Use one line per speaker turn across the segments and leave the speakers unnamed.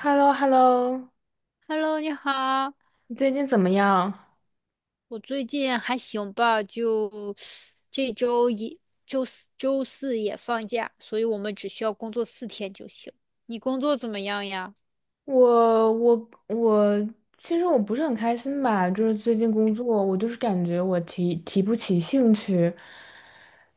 h e l l o h e l l o
Hello，你好，
你最近怎么样？
我最近还行吧，就这周一、周四、也放假，所以我们只需要工作四天就行。你工作怎么样呀？
我其实我不是很开心吧，就是最近工作，我就是感觉我提不起兴趣，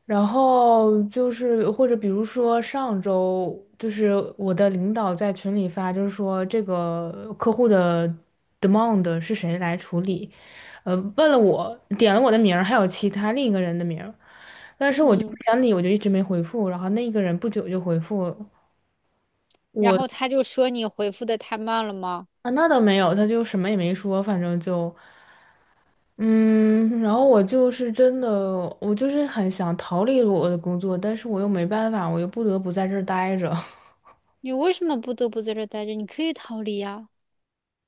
然后就是或者比如说上周，就是我的领导在群里发，就是说这个客户的 demand 是谁来处理，问了我，点了我的名儿，还有其他另一个人的名儿，但是我就不
嗯，
想理，我就一直没回复，然后那个人不久就回复了。
然后他就说你回复的太慢了吗？
啊，那倒没有，他就什么也没说，反正就，嗯，然后我就是真的，我就是很想逃离我的工作，但是我又没办法，我又不得不在这儿待着。
你为什么不得不在这儿待着？你可以逃离呀。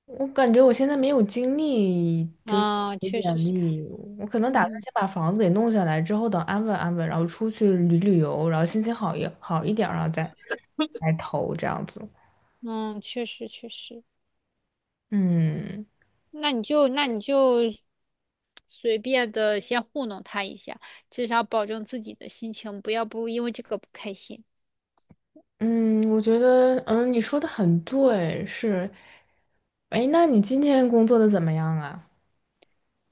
我感觉我现在没有精力，就是
啊，
写
确实
简
是，
历，我可能打算
嗯
先把房子给弄下来，之后等安稳安稳，然后出去旅旅游，然后心情好一好一点儿然后再来投这样子。
嗯，确实，
嗯。
那你就随便的先糊弄他一下，至少保证自己的心情不要不因为这个不开心。
嗯，我觉得，你说的很对，是。哎，那你今天工作的怎么样啊？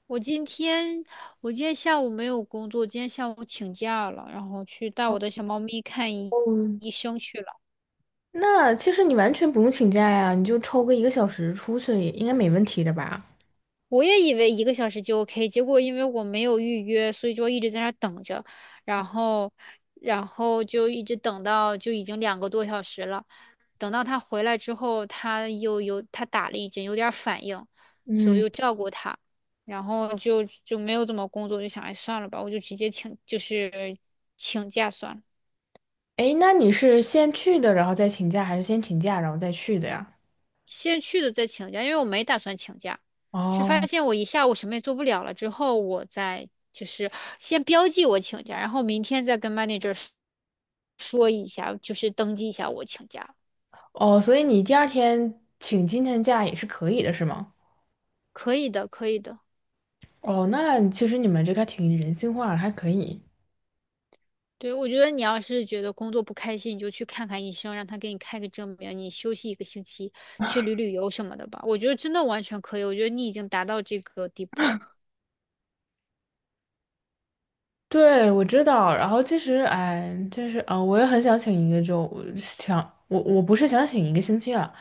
我今天我今天下午没有工作，今天下午请假了，然后去带我的小猫咪看
嗯，
医生去了。
那其实你完全不用请假呀，你就抽个一个小时出去，应该没问题的吧？
我也以为一个小时就 OK，结果因为我没有预约，所以就一直在那儿等着，然后然后就一直等到就已经两个多小时了。等到他回来之后，他又有他打了一针，有点儿反应，所以
嗯，
我就照顾他。然后就没有怎么工作，就想，哎，算了吧，我就直接请，就是请假算了。
哎，那你是先去的，然后再请假，还是先请假然后再去的呀？
先去的再请假，因为我没打算请假，是发
哦
现我一下午什么也做不了了之后，我再就是先标记我请假，然后明天再跟 manager 说一下，就是登记一下我请假，
哦，所以你第二天请今天假也是可以的，是吗？
可以的，可以的。
哦，那其实你们这个还挺人性化的，还可以。
对，我觉得你要是觉得工作不开心，你就去看看医生，让他给你开个证明，你休息一个星期，去旅旅游什么的吧。我觉得真的完全可以，我觉得你已经达到这个地步了。
对，我知道。然后其实，哎，就是啊，我也很想请一个周，我想我不是想请一个星期啊，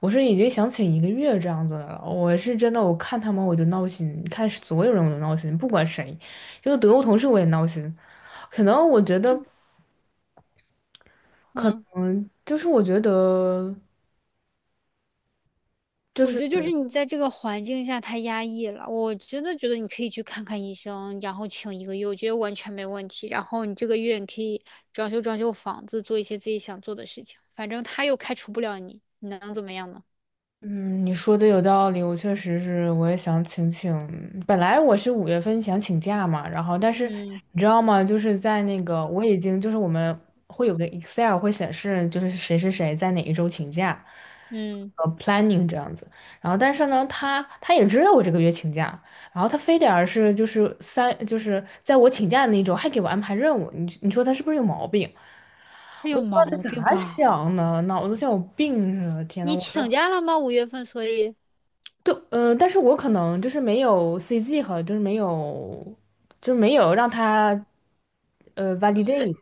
我是已经想请一个月这样子的了。我是真的，我看他们我就闹心，看所有人我都闹心，不管谁，就是德国同事我也闹心。可能我觉得，
嗯。
就是我觉得。就
我
是。
觉得就是你在这个环境下太压抑了，我真的觉得你可以去看看医生，然后请一个月，我觉得完全没问题。然后你这个月你可以装修装修房子，做一些自己想做的事情，反正他又开除不了你，你能怎么样呢？
嗯，你说的有道理，我确实是，我也想请请。本来我是5月份想请假嘛，然后但是
嗯
你知道吗？就是在那个我已经就是我们会有个 Excel 会显示就是谁谁谁在哪一周请假，
嗯，
planning 这样子。然后但是呢，他也知道我这个月请假，然后他非得而是就是三就是在我请假的那一周还给我安排任务，你说他是不是有毛病？
他
我
有
都不知
毛
道
病
他咋
吧？
想的，脑子像有病似的。天呐，
你
我。这。
请假了吗？五月份，所以
对，但是我可能就是没有 CG 和就是没有，就没有让他，validate，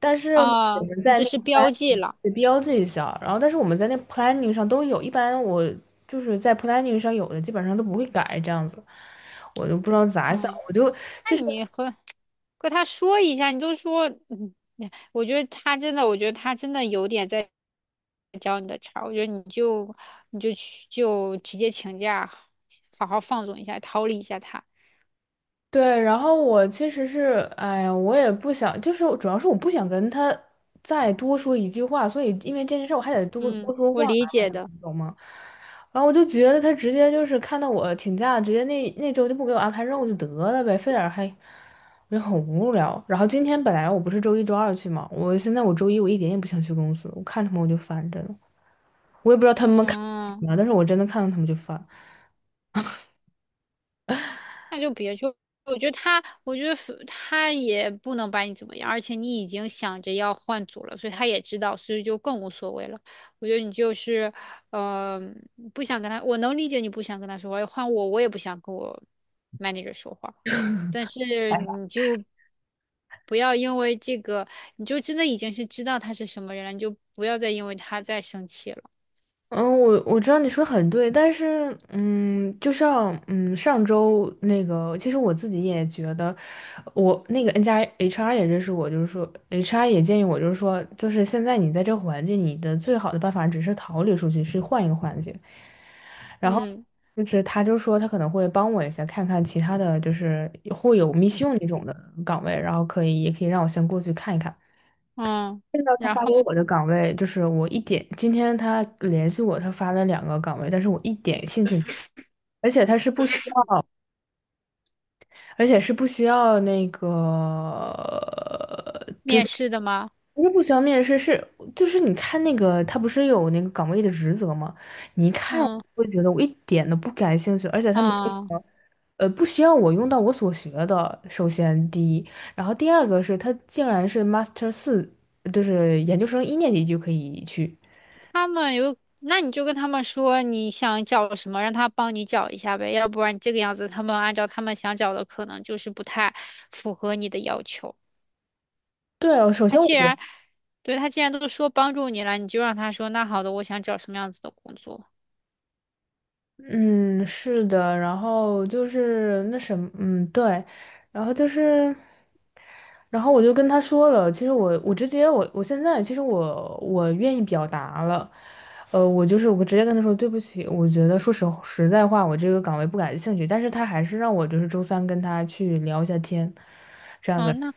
但是我
啊，
们
你
在那
只是
个
标
plan
记了。
得标记一下，然后但是我们在那 planning 上都有，一般我就是在 planning 上有的基本上都不会改这样子，我就不知道咋想，
嗯，
我就其
那
实。
你和跟他说一下，你就说，嗯，哎我觉得他真的，我觉得他真的有点在教你的茬儿我觉得你就去就直接请假，好好放纵一下，逃离一下他。
对，然后我其实是，哎呀，我也不想，就是主要是我不想跟他再多说一句话，所以因为这件事我还得多
嗯，
多说
我
话，
理解的。
你懂吗？然后我就觉得他直接就是看到我请假，直接那那周就不给我安排任务就得了呗，非得还，我就很无聊。然后今天本来我不是周一周二去嘛，我现在我周一我一点也不想去公司，我看他们我就烦着呢，我也不知道他们看什
嗯。
么，但是我真的看到他们就烦。
那就别去。我觉得他也不能把你怎么样，而且你已经想着要换组了，所以他也知道，所以就更无所谓了。我觉得你就是，嗯、不想跟他，我能理解你不想跟他说话，换我，我也不想跟我 manager 说话，但是你就不要因为这个，你就真的已经是知道他是什么人了，你就不要再因为他再生气了。
嗯，我知道你说得很对，但是，就像，上周那个，其实我自己也觉得，我那个 N 加 HR 也认识我，就是说，HR 也建议我，就是说，就是现在你在这个环境，你的最好的办法只是逃离出去，是换一个环境。然后，
嗯
就是他就说他可能会帮我一下，看看其他的就是会有 mission 那种的岗位，然后可以也可以让我先过去看一看。
嗯，
看到他
然
发
后
给我的岗位，就是我一点，今天他联系我，他发了两个岗位，但是我一点兴趣，而且他是不需要，而且是不需要那个，
面试的吗？
不是不需要面试，是就是你看那个，他不是有那个岗位的职责吗？你一看，
嗯
我就觉得我一点都不感兴趣，而且他没有什
啊。
么不需要我用到我所学的，首先第一，然后第二个是他竟然是 Master 4，就是研究生一年级就可以去。
他们有，那你就跟他们说你想找什么，让他帮你找一下呗，要不然这个样子，他们按照他们想找的，可能就是不太符合你的要求。
对哦，首
他
先我
既
觉得，
然，对，他既然都说帮助你了，你就让他说，那好的，我想找什么样子的工作。
嗯，是的，然后就是那什么，嗯，对，然后就是，然后我就跟他说了，其实我直接我现在其实我愿意表达了，我就是我直接跟他说对不起，我觉得说实实在话，我这个岗位不感兴趣，但是他还是让我就是周三跟他去聊一下天，这样子。
嗯，那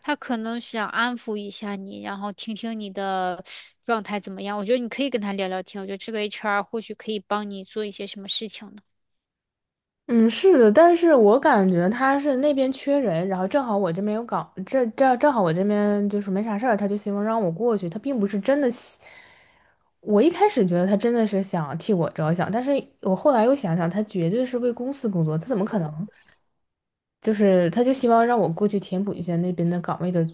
他可能想安抚一下你，然后听听你的状态怎么样。我觉得你可以跟他聊聊天，我觉得这个 HR 或许可以帮你做一些什么事情呢。
嗯，是的，但是我感觉他是那边缺人，然后正好我这边有岗，这正好我这边就是没啥事儿，他就希望让我过去，他并不是真的希我一开始觉得他真的是想替我着想，但是我后来又想想，他绝对是为公司工作，他怎么可能？就是他就希望让我过去填补一下那边的岗位的，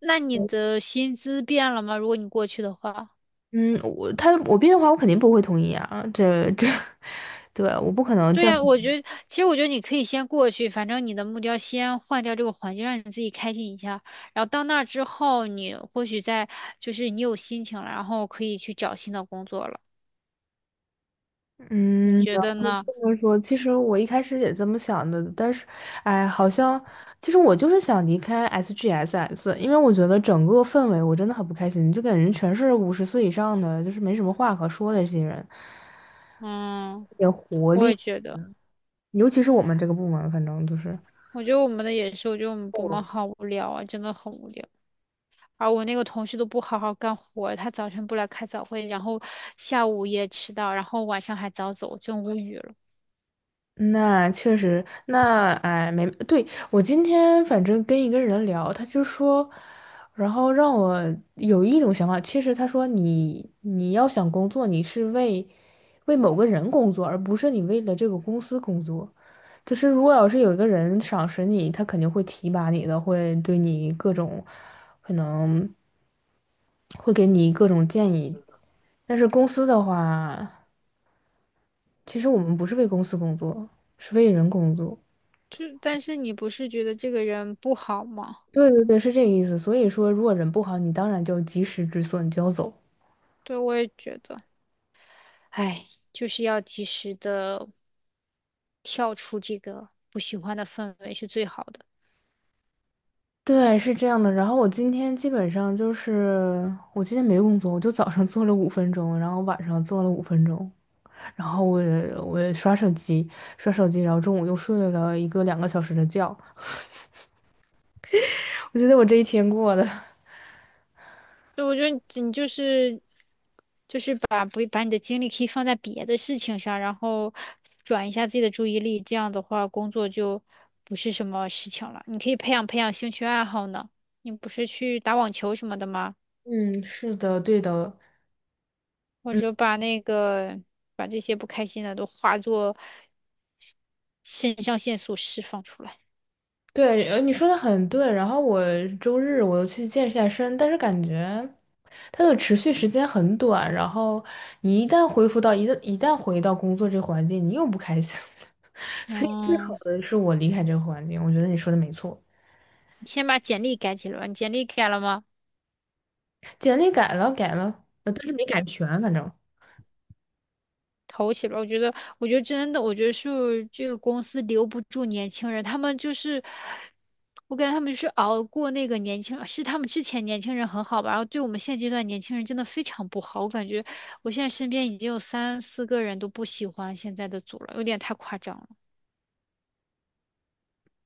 那你的薪资变了吗？如果你过去的话。
嗯，我他我变的话，我肯定不会同意啊，这这，对，我不可能
对
降
呀，
薪，
我觉得，其实我觉得你可以先过去，反正你的目标先换掉这个环境，让你自己开心一下。然后到那儿之后，你或许再就是你有心情了，然后可以去找新的工作了。你
嗯。
觉得呢？
就是说，其实我一开始也这么想的，但是，哎，好像其实我就是想离开 SGSS，因为我觉得整个氛围我真的很不开心，就感觉全是50岁以上的，就是没什么话可说的这些人，
嗯，我也觉得，
尤其是我们这个部门，反正就是。
我觉得我们的也是，我觉得我们部门好无聊啊，真的很无聊。而我那个同事都不好好干活儿他早晨不来开早会，然后下午也迟到，然后晚上还早走，真无语了。
那确实，那哎，没，对，我今天反正跟一个人聊，他就说，然后让我有一种想法，其实他说你要想工作，你是为某个人工作，而不是你为了这个公司工作。就是如果要是有一个人赏识你，他肯定会提拔你的，会对你各种可能会给你各种建议。但是公司的话，其实我们不是为公司工作，是为人工作。
就但是你不是觉得这个人不好吗？
对对对，是这个意思。所以说，如果人不好，你当然就及时止损，就要走。
对，我也觉得。哎，就是要及时的跳出这个不喜欢的氛围是最好的。
对，是这样的。然后我今天基本上就是，我今天没工作，我就早上做了五分钟，然后晚上做了五分钟，然后我也刷手机，刷手机，然后中午又睡了2个小时的觉。我觉得我这一天过的，
所以我觉得你就是把不把你的精力可以放在别的事情上，然后转一下自己的注意力，这样的话工作就不是什么事情了。你可以培养培养兴趣爱好呢。你不是去打网球什么的吗？
嗯，是的，对的，
或
嗯。
者把那个把这些不开心的都化作肾上腺素释放出来。
对，你说的很对。然后我周日我又去健一下身，但是感觉它的持续时间很短。然后你一旦恢复到一旦回到工作这个环境，你又不开心了。所以最好
嗯。
的是我离开这个环境。我觉得你说的没错，
你先把简历改起来吧。你简历改了吗？
简历改了改了，但是没改全，反正。
投起来。我觉得，我觉得真的，我觉得是这个公司留不住年轻人，他们就是，我感觉他们就是熬过那个年轻，是他们之前年轻人很好吧，然后对我们现阶段年轻人真的非常不好。我感觉我现在身边已经有三四个人都不喜欢现在的组了，有点太夸张了。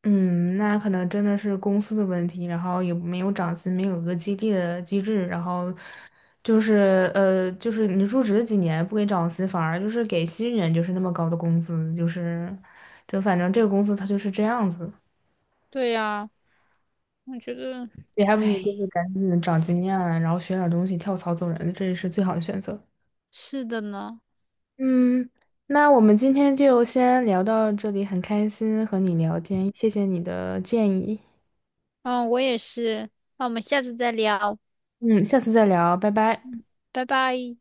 嗯，那可能真的是公司的问题，然后也没有涨薪，没有一个激励的机制，然后就是就是你入职几年不给涨薪，反而就是给新人就是那么高的工资，就是就反正这个公司它就是这样子，
对呀，我觉得，
你还不如
唉，
就是赶紧长经验啊，然后学点儿东西，跳槽走人，这是最好的选择。
是的呢。
嗯，那我们今天就先聊到这里，很开心和你聊天，谢谢你的建议。
嗯，我也是。那我们下次再聊，
嗯，下次再聊，拜拜。
拜拜。